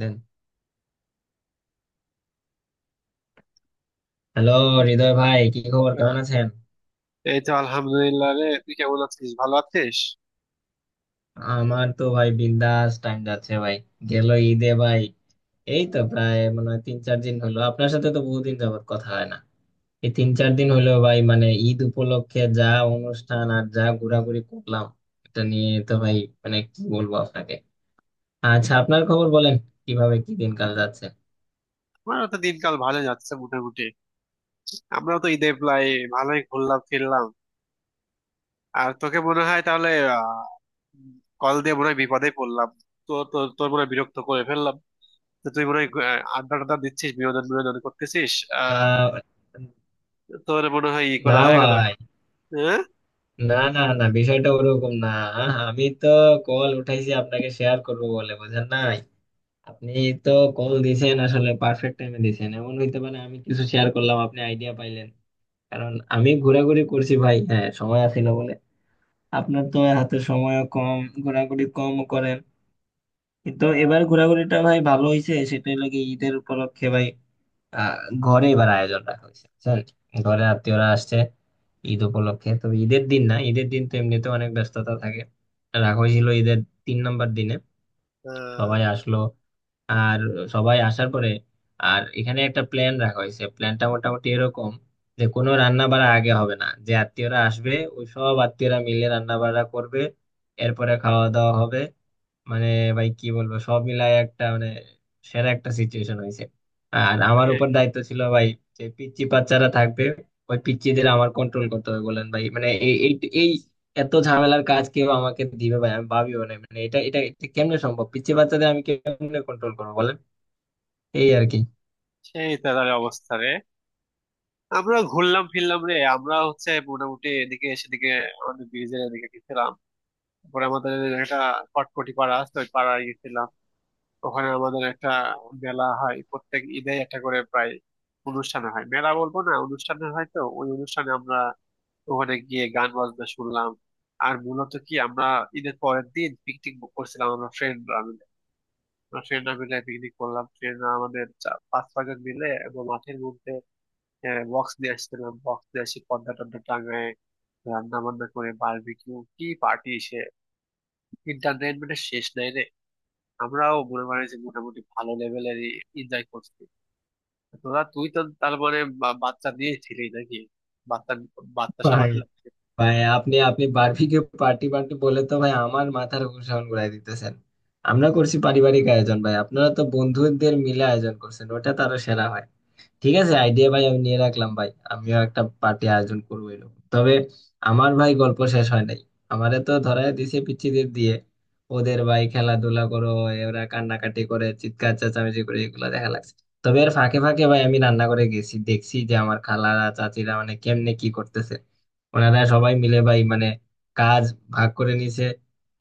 দেন, hello. কি? হৃদয় ভাই, কি খবর, আহ, কেমন আছেন? এই তো আলহামদুলিল্লাহ রে, তুই কেমন আছিস? ভালো আছিস? আমার তো ভাই বিন্দাস টাইম যাচ্ছে ভাই। গেল ঈদে ভাই, এই তো প্রায় মনে হয় তিন চার দিন হলো, আপনার সাথে তো বহুদিন যাবত কথা হয় না। এই তিন চার দিন হলো ভাই, মানে ঈদ উপলক্ষে যা অনুষ্ঠান আর যা ঘোরাঘুরি করলাম, এটা নিয়ে তো ভাই মানে কি বলবো আপনাকে। আচ্ছা, আপনার খবর বলেন, কিভাবে কি দিনকাল যাচ্ছে। আমারও তো দিনকাল ভালো যাচ্ছে মোটামুটি। আমরাও তো ঈদে প্রায় ভালোই ঘুরলাম ফিরলাম। আর তোকে মনে হয় তাহলে আহ, কল দিয়ে মনে হয় বিপদে পড়লাম। তো তোর তোর মনে হয় বিরক্ত করে ফেললাম। তো তুই মনে হয় আড্ডা টাড্ডা দিচ্ছিস, বিনোদন বিনোদন করতেছিস। আহ তা তোর মনে হয় ই না করা হয়ে গেল? ভাই, হ্যাঁ। না না না, বিষয়টা ওরকম না। আমি তো কল উঠাইছি আপনাকে শেয়ার করবো বলে, বুঝেন না। আপনি তো কল দিছেন আসলে পারফেক্ট টাইমে দিছেন, এমন হইতে পারে আমি কিছু শেয়ার করলাম আপনি আইডিয়া পাইলেন। কারণ আমি ঘোরাঘুরি করছি ভাই, হ্যাঁ, সময় আছিল বলে। আপনার তো হাতে সময় কম, ঘোরাঘুরি কম করেন। কিন্তু এবার ঘোরাঘুরিটা ভাই ভালো হইছে। সেটা হলো কি, ঈদের উপলক্ষে ভাই আহ ঘরে এবার আয়োজন রাখা হয়েছে, বুঝছেন, ঘরে আত্মীয়রা আসছে ঈদ উপলক্ষে। তবে ঈদের দিন না, ঈদের দিন তো এমনিতে অনেক ব্যস্ততা থাকে। রাখা হয়েছিল ঈদের 3 নম্বর দিনে। সবাই আহ, আসলো, আর সবাই আসার পরে আর এখানে একটা প্ল্যান রাখা হয়েছে। প্ল্যানটা মোটামুটি এরকম যে কোনো রান্না বাড়া আগে হবে না, যে আত্মীয়রা আসবে ওই সব আত্মীয়রা মিলে রান্না বাড়া করবে, এরপরে খাওয়া দাওয়া হবে। মানে ভাই কি বলবো, সব মিলাই একটা মানে সেরা একটা সিচুয়েশন হয়েছে। আর আমার এই- উপর দায়িত্ব ছিল ভাই, যে পিচ্চি বাচ্চারা থাকবে ওই পিচ্চিদের আমার কন্ট্রোল করতে হবে। বলেন ভাই মানে এই এই এই এত ঝামেলার কাজ কেউ আমাকে দিবে ভাই, আমি ভাবিও না। মানে এটা এটা এটা কেমনে সম্ভব, পিচ্চি বাচ্চাদের আমি কেমনে কন্ট্রোল করবো বলেন, এই আর কি। সেই তাদের অবস্থা রে। আমরা ঘুরলাম ফিরলাম রে, আমরা হচ্ছে মোটামুটি এদিকে সেদিকে। আমাদের ব্রিজের এদিকে গেছিলাম। তারপরে আমাদের একটা কটকটি পাড়া আছে, ওই পাড়ায় গেছিলাম। ওখানে আমাদের একটা মেলা হয় প্রত্যেক ঈদে, একটা করে প্রায় অনুষ্ঠান হয়। মেলা বলবো না, অনুষ্ঠান হয়। তো ওই অনুষ্ঠানে আমরা ওখানে গিয়ে গান বাজনা শুনলাম। আর মূলত কি, আমরা ঈদের পরের দিন পিকনিক বুক করছিলাম, আমরা ফ্রেন্ডরা মিলে। আমরা ফ্রেন্ডরা মিলে পিকনিক করলাম। ফ্রেন্ডরা আমাদের পাঁচ ছয়জন মিলে এবং মাঠের মধ্যে বক্স নিয়ে আসছিলাম। বক্স নিয়ে এসে পর্দা টর্দা টাঙায়, রান্না বান্না করে বারবিকিউ কি পার্টি সে, এন্টারটেনমেন্টের শেষ নাই রে। আমরাও মনে করেন যে মোটামুটি ভালো লেভেলের এনজয় করছি। তোরা, তুই তারপরে বাচ্চা নিয়েছিলি নাকি? বাচ্চা, বাচ্চা ভাই সামলাতে লাগছে? ভাই, আপনি আপনি বার্বিকিউ পার্টি পার্টি বলে তো ভাই আমার মাথার উপর ঘুরাই দিতেছেন। আমরা করছি পারিবারিক আয়োজন ভাই, আপনারা তো বন্ধুদের মিলে আয়োজন করছেন, ওটা তারও সেরা হয়। ঠিক আছে, আইডিয়া ভাই আমি নিয়ে রাখলাম, ভাই আমিও একটা পার্টি আয়োজন করবো এরকম। তবে আমার ভাই গল্প শেষ হয় নাই। আমারে তো ধরায় দিছে পিচ্চিদের দিয়ে, ওদের ভাই খেলাধুলা করো। ওরা কান্নাকাটি করে, চিৎকার চেঁচামেচি করে, এগুলো দেখা লাগছে। তবে এর ফাঁকে ফাঁকে ভাই আমি রান্না করে গেছি, দেখছি যে আমার খালারা চাচিরা মানে কেমনে কি করতেছে। ওনারা সবাই মিলে ভাই মানে কাজ ভাগ করে নিছে।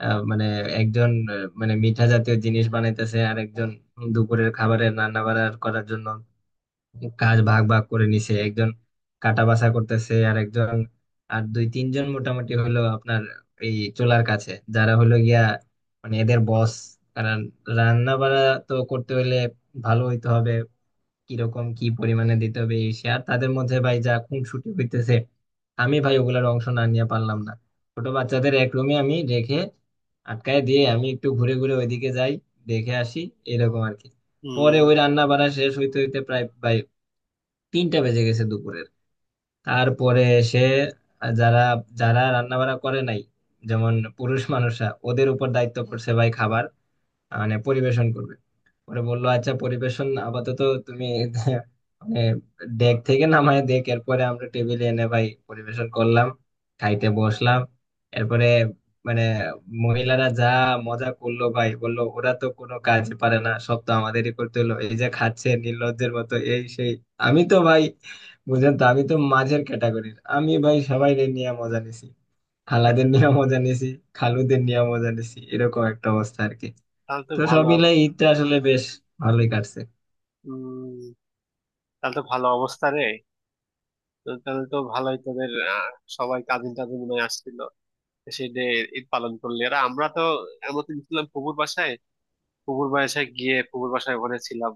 মানে একজন মানে মিঠা জাতীয় জিনিস বানাইতেছে, আর একজন দুপুরের খাবারের রান্না বাড়া করার জন্য। কাজ ভাগ ভাগ করে নিছে, একজন কাটা বাছা করতেছে, আর একজন, আর দুই তিনজন মোটামুটি হলো আপনার এই চুলার কাছে, যারা হলো গিয়া মানে এদের বস। কারণ রান্না বাড়া তো করতে হলে ভালো হইতে হবে, কিরকম কি পরিমাণে দিতে হবে এই সে। আর তাদের মধ্যে ভাই যা খুনসুটি হইতেছে, আমি ভাই ওগুলার অংশ না নিয়ে পারলাম না। ছোট বাচ্চাদের এক রুমে আমি রেখে আটকায় দিয়ে আমি একটু ঘুরে ঘুরে ওইদিকে যাই, দেখে আসি, এরকম আর কি। পরে ওই হম, রান্না বাড়া শেষ হইতে হইতে প্রায় 3টা বেজে গেছে দুপুরের। তারপরে সে, যারা যারা রান্না বান্না করে নাই যেমন পুরুষ মানুষরা, ওদের উপর দায়িত্ব পড়ছে ভাই খাবার মানে পরিবেশন করবে। পরে বললো আচ্ছা পরিবেশন আপাতত তুমি মানে ডেক থেকে নামায় দেখ, এরপরে আমরা টেবিলে এনে ভাই পরিবেশন করলাম, খাইতে বসলাম। এরপরে মানে মহিলারা যা মজা করলো ভাই, বললো ওরা তো কোনো কাজ পারে না, সব তো আমাদেরই করতে হলো, এই যে খাচ্ছে নির্লজ্জের মতো, এই সেই। আমি তো ভাই, বুঝলেন তো, আমি তো মাঝের ক্যাটাগরির, আমি ভাই সবাই নিয়ে মজা নিছি, খালাদের নিয়ে মজা নিছি, খালুদের নিয়ে মজা নিছি, এরকম একটা অবস্থা আর কি। তাহলে তো তো সব ভালো মিলে অবস্থা। ঈদটা আসলে বেশ ভালোই কাটছে। হম, তাহলে তো ভালো অবস্থা রে। তো তাহলে তো ভালোই তোদের, সবাই কাজিন টাজিন মনে হয় আসছিল। সেই ডে ঈদ পালন করলি। আর আমরা তো এমন ছিলাম ফুপুর বাসায়। ফুপুর বাসায় গিয়ে, ফুপুর বাসায় ওখানে ছিলাম।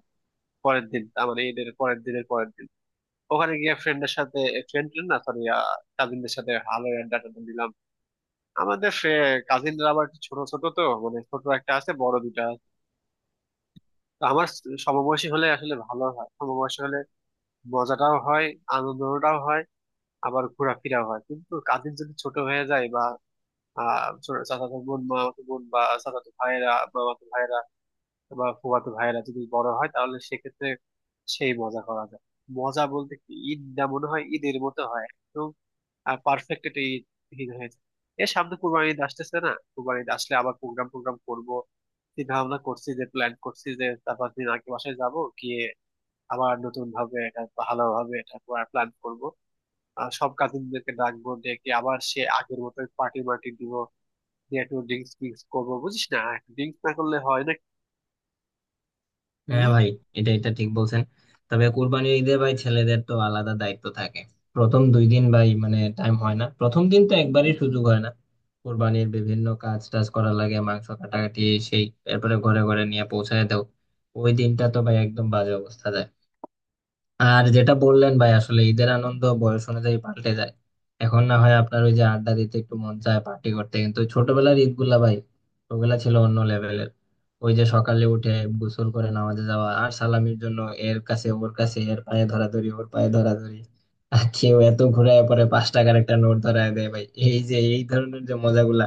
পরের দিন, তার মানে ঈদের পরের দিনের পরের দিন ওখানে গিয়ে ফ্রেন্ডের সাথে, ফ্রেন্ড না সরি, কাজিনদের সাথে ভালো আড্ডা টাড্ডা দিলাম। আমাদের কাজিনরা আবার একটু ছোট ছোট, তো মানে ছোট একটা আছে, বড় দুটা আছে। তো আমার সমবয়সী হলে আসলে ভালো হয়। সমবয়সী হলে মজাটাও হয়, আনন্দটাও হয়, আবার ঘোরাফেরাও হয়। কিন্তু কাজিন যদি ছোট হয়ে যায় বা চাচাতো বোন, মামাতো বোন বা চাচাতো ভাইয়েরা, মামাতো ভাইয়েরা বা ফুফাতো ভাইয়েরা যদি বড় হয় তাহলে সেক্ষেত্রে সেই মজা করা যায়। মজা বলতে কি, ঈদ না মনে হয় ঈদের মতো হয়, পারফেক্ট একটা ঈদ ঈদ হয়েছে। এর সামনে কুরবানি ঈদ আসতেছে না, কুরবানি ঈদ আসলে আবার প্রোগ্রাম প্রোগ্রাম করব। চিন্তা ভাবনা করছি, যে প্ল্যান করছি যে চার পাঁচ দিন আগে বাসায় যাব। গিয়ে আবার নতুন ভাবে এটা ভালোভাবে এটা প্ল্যান করব। আর সব কাজিনদেরকে ডাকবো, ডেকে আবার সে আগের মতো পার্টি মার্টি দিব। দিয়ে একটু ড্রিঙ্কস ফিঙ্কস করবো, বুঝিস না, ড্রিঙ্কস না করলে হয় না। হ্যাঁ হম। ভাই, এটা এটা ঠিক বলছেন। তবে কুরবানির ঈদে ভাই ছেলেদের তো আলাদা দায়িত্ব থাকে। প্রথম দুই দিন ভাই মানে টাইম হয় না, প্রথম দিন তো একবারই সুযোগ হয় না। কুরবানির বিভিন্ন কাজ টাজ করা লাগে, মাংস কাটাকাটি সেই, এরপরে ঘরে ঘরে নিয়ে পৌঁছায় দাও। ওই দিনটা তো ভাই একদম বাজে অবস্থা যায়। আর যেটা বললেন ভাই, আসলে ঈদের আনন্দ বয়স অনুযায়ী পাল্টে যায়। এখন না হয় আপনার ওই যে আড্ডা দিতে একটু মন চায়, পার্টি করতে, কিন্তু ছোটবেলার ঈদ গুলা ভাই, ওগুলা ছিল অন্য লেভেলের। ওই যে সকালে উঠে গোসল করে নামাজে যাওয়া, আর সালামির জন্য এর কাছে ওর কাছে, এর পায়ে ধরাধরি ওর পায়ে ধরাধরি, আর কেউ এত ঘুরায় পরে 5 টাকার একটা নোট ধরায় দেয় ভাই, এই যে এই ধরনের যে মজাগুলা,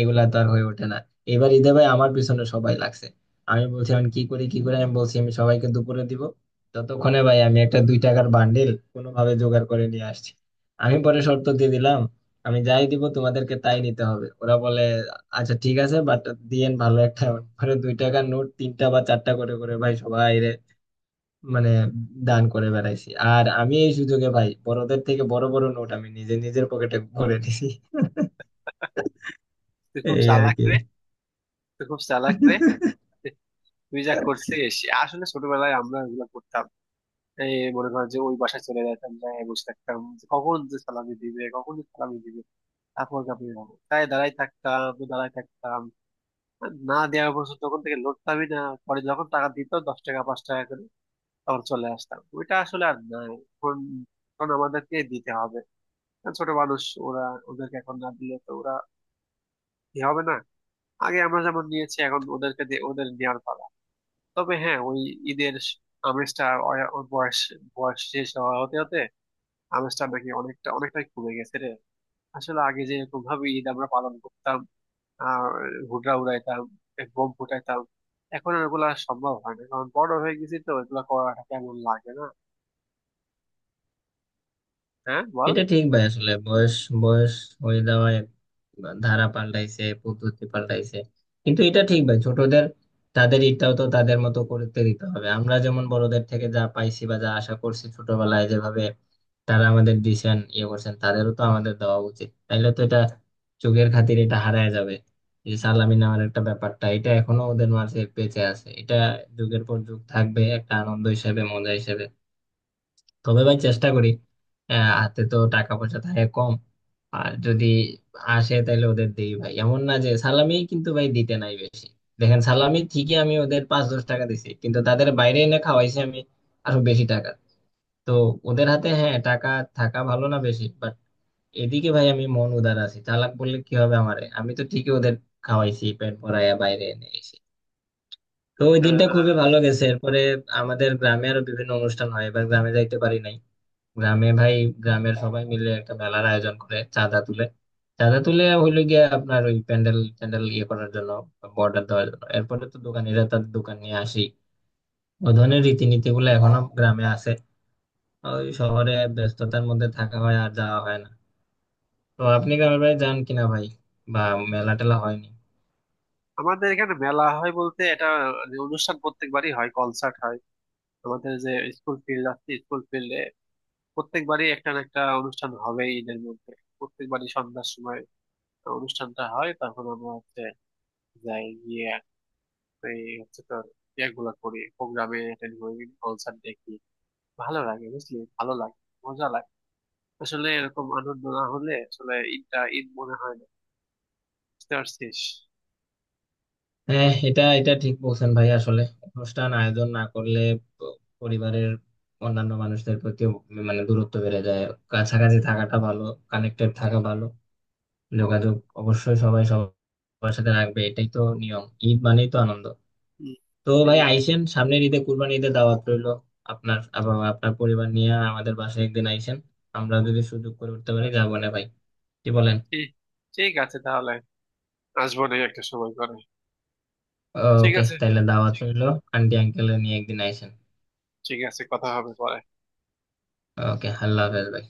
এগুলা তো আর হয়ে ওঠে না। এবার ঈদে ভাই আমার পিছনে সবাই লাগছে। আমি বলছি আমি কি করি কি করে, আমি বলছি আমি সবাইকে দুপুরে দিব। ততক্ষণে ভাই আমি একটা 2 টাকার বান্ডিল কোনোভাবে জোগাড় করে নিয়ে আসছি। আমি পরে শর্ত দিয়ে দিলাম, আমি যাই দিব তোমাদেরকে তাই নিতে হবে। ওরা বলে আচ্ছা ঠিক আছে, বাট দিয়েন ভালো একটা। পরে 2 টাকার নোট তিনটা বা চারটা করে করে ভাই সবাই রে মানে দান করে বেড়াইছি। আর আমি এই সুযোগে ভাই বড়দের থেকে বড় বড় নোট আমি নিজে নিজের পকেটে ভরে নিছি। তুই খুব এই আর চালাক রে। তুই খুব চালাক রে। কি। তুই যা করছিস! আসলে ছোটবেলায় আমরা ওগুলো করতাম। এই মনে করো যে ওই বাসায় চলে যাইতাম, যাই বসে থাকতাম যে কখন যে সালামি দিবে, কখন যে সালামি দিবে। তারপর কাঁপিয়ে যাবো, তাই দাঁড়াই থাকতাম, দাঁড়াই থাকতাম। না দেওয়া পর্যন্ত তখন থেকে লড়তামই না। পরে যখন টাকা দিত, দশ টাকা পাঁচ টাকা করে, তখন চলে আসতাম। ওইটা আসলে আর নাই এখন। এখন আমাদেরকে দিতে হবে, কারণ ছোট মানুষ ওরা। ওদেরকে এখন না দিলে তো ওরা কি হবে না। আগে আমরা যেমন নিয়েছি, এখন ওদেরকে দিয়ে ওদের নেওয়ার পালা। তবে হ্যাঁ, ওই ঈদের আমেজটা, ওর ওর বয়স, বয়স শেষ হওয়া হতে হতে আমেজটা নাকি অনেকটা, অনেকটাই কমে গেছে রে। আসলে আগে যে এরকম ভাবে ঈদ আমরা পালন করতাম আর ঘুড়া উড়াইতাম, এ বোম ফুটাইতাম, এখন আর ওগুলা সম্ভব হয় না। কারণ বড় হয়ে গেছি তো এগুলা করাটা কেমন লাগে না। হ্যাঁ বল। এটা ঠিক ভাই, আসলে বয়স বয়স হয়ে যাওয়ায় ধারা পাল্টাইছে, পদ্ধতি পাল্টাইছে। কিন্তু এটা ঠিক ভাই, ছোটদের তাদের ইটাও তো তাদের মতো করতে দিতে হবে। আমরা যেমন বড়দের থেকে যা পাইছি বা যা আশা করছি ছোটবেলায়, যেভাবে তারা আমাদের দিছেন ইয়ে করছেন, তাদেরও তো আমাদের দেওয়া উচিত। তাইলে তো এটা যুগের খাতির এটা হারায় যাবে। এই যে সালামি নেওয়ার একটা ব্যাপারটা, এটা এখনো ওদের মাঝে বেঁচে আছে, এটা যুগের পর যুগ থাকবে একটা আনন্দ হিসেবে, মজা হিসেবে। তবে ভাই চেষ্টা করি, হাতে তো টাকা পয়সা থাকে কম, আর যদি আসে তাহলে ওদের দিই ভাই। এমন না যে সালামি কিন্তু ভাই দিতে নাই বেশি। দেখেন, সালামি ঠিকই আমি ওদের 5-10 টাকা দিছি, কিন্তু তাদের বাইরে এনে খাওয়াইছি আমি আরো বেশি টাকা। তো ওদের হাতে হ্যাঁ টাকা থাকা ভালো না বেশি, বাট এদিকে ভাই আমি মন উদার আছি। চালাক বললে কি হবে আমারে, আমি তো ঠিকই ওদের খাওয়াইছি পেট ভরাইয়া বাইরে এনে এসে। তো ওই দিনটা খুবই আহ, ভালো গেছে। এরপরে আমাদের গ্রামে আরো বিভিন্ন অনুষ্ঠান হয়, এবার গ্রামে যাইতে পারি নাই। গ্রামে ভাই, গ্রামের সবাই মিলে একটা মেলার আয়োজন করে, চাঁদা তুলে। চাঁদা তুলে হইলো গিয়ে আপনার ওই প্যান্ডেল ট্যান্ডেল ইয়ে করার জন্য, বর্ডার দেওয়ার জন্য, এরপরে তো দোকানিরা তাদের দোকান নিয়ে আসি। ওই ধরনের রীতিনীতি গুলো এখনো গ্রামে আছে। ওই শহরে ব্যস্ততার মধ্যে থাকা হয়, আর যাওয়া হয় না। তো আপনি গ্রামের বাড়ি যান কিনা ভাই, বা মেলা টেলা হয়নি? আমাদের এখানে মেলা হয় বলতে এটা যে অনুষ্ঠান প্রত্যেকবারই হয়, কনসার্ট হয়। আমাদের যে স্কুল ফিল্ড আছে, স্কুল ফিল্ডে প্রত্যেকবারই একটা না একটা অনুষ্ঠান হবেই ঈদের মধ্যে। প্রত্যেকবারই সন্ধ্যার সময় অনুষ্ঠানটা হয়। তখন আমরা হচ্ছে যাই গিয়ে, এই হচ্ছে তোর ইয়েগুলা করি, প্রোগ্রামে অ্যাটেন্ড করি, কনসার্ট দেখি। ভালো লাগে, বুঝলি, ভালো লাগে, মজা লাগে। আসলে এরকম আনন্দ না হলে আসলে ঈদটা ঈদ মনে হয় না। বুঝতে পারছিস? হ্যাঁ, এটা এটা ঠিক বলছেন ভাই। আসলে অনুষ্ঠান আয়োজন না করলে প- পরিবারের অন্যান্য মানুষদের প্রতি মানে দূরত্ব বেড়ে যায়। কাছাকাছি থাকাটা ভালো, কানেক্টেড থাকা ভালো, যোগাযোগ অবশ্যই সবাই সবার সাথে রাখবে, এটাই তো নিয়ম, ঈদ মানেই তো আনন্দ। হম। তো ভাই ঠিকই আইসেন, সামনের ঈদে কুরবানি ঈদে দাওয়াত রইলো। আপনার আবার আপনার পরিবার নিয়ে আমাদের বাসায় একদিন আইসেন। আমরা যদি সুযোগ করে উঠতে পারি যাবো না ভাই, কি বলেন? বলছিস। ঠিক আছে তাহলে, আসবো না একটা সময় করে। ঠিক ওকে আছে। তাহলে দাওয়াত রইলো, আন্টি আঙ্কেল নিয়ে একদিন আইসেন। ঠিক আছে, কথা হবে পরে। ওকে, আল্লাহ হাফেজ ভাই।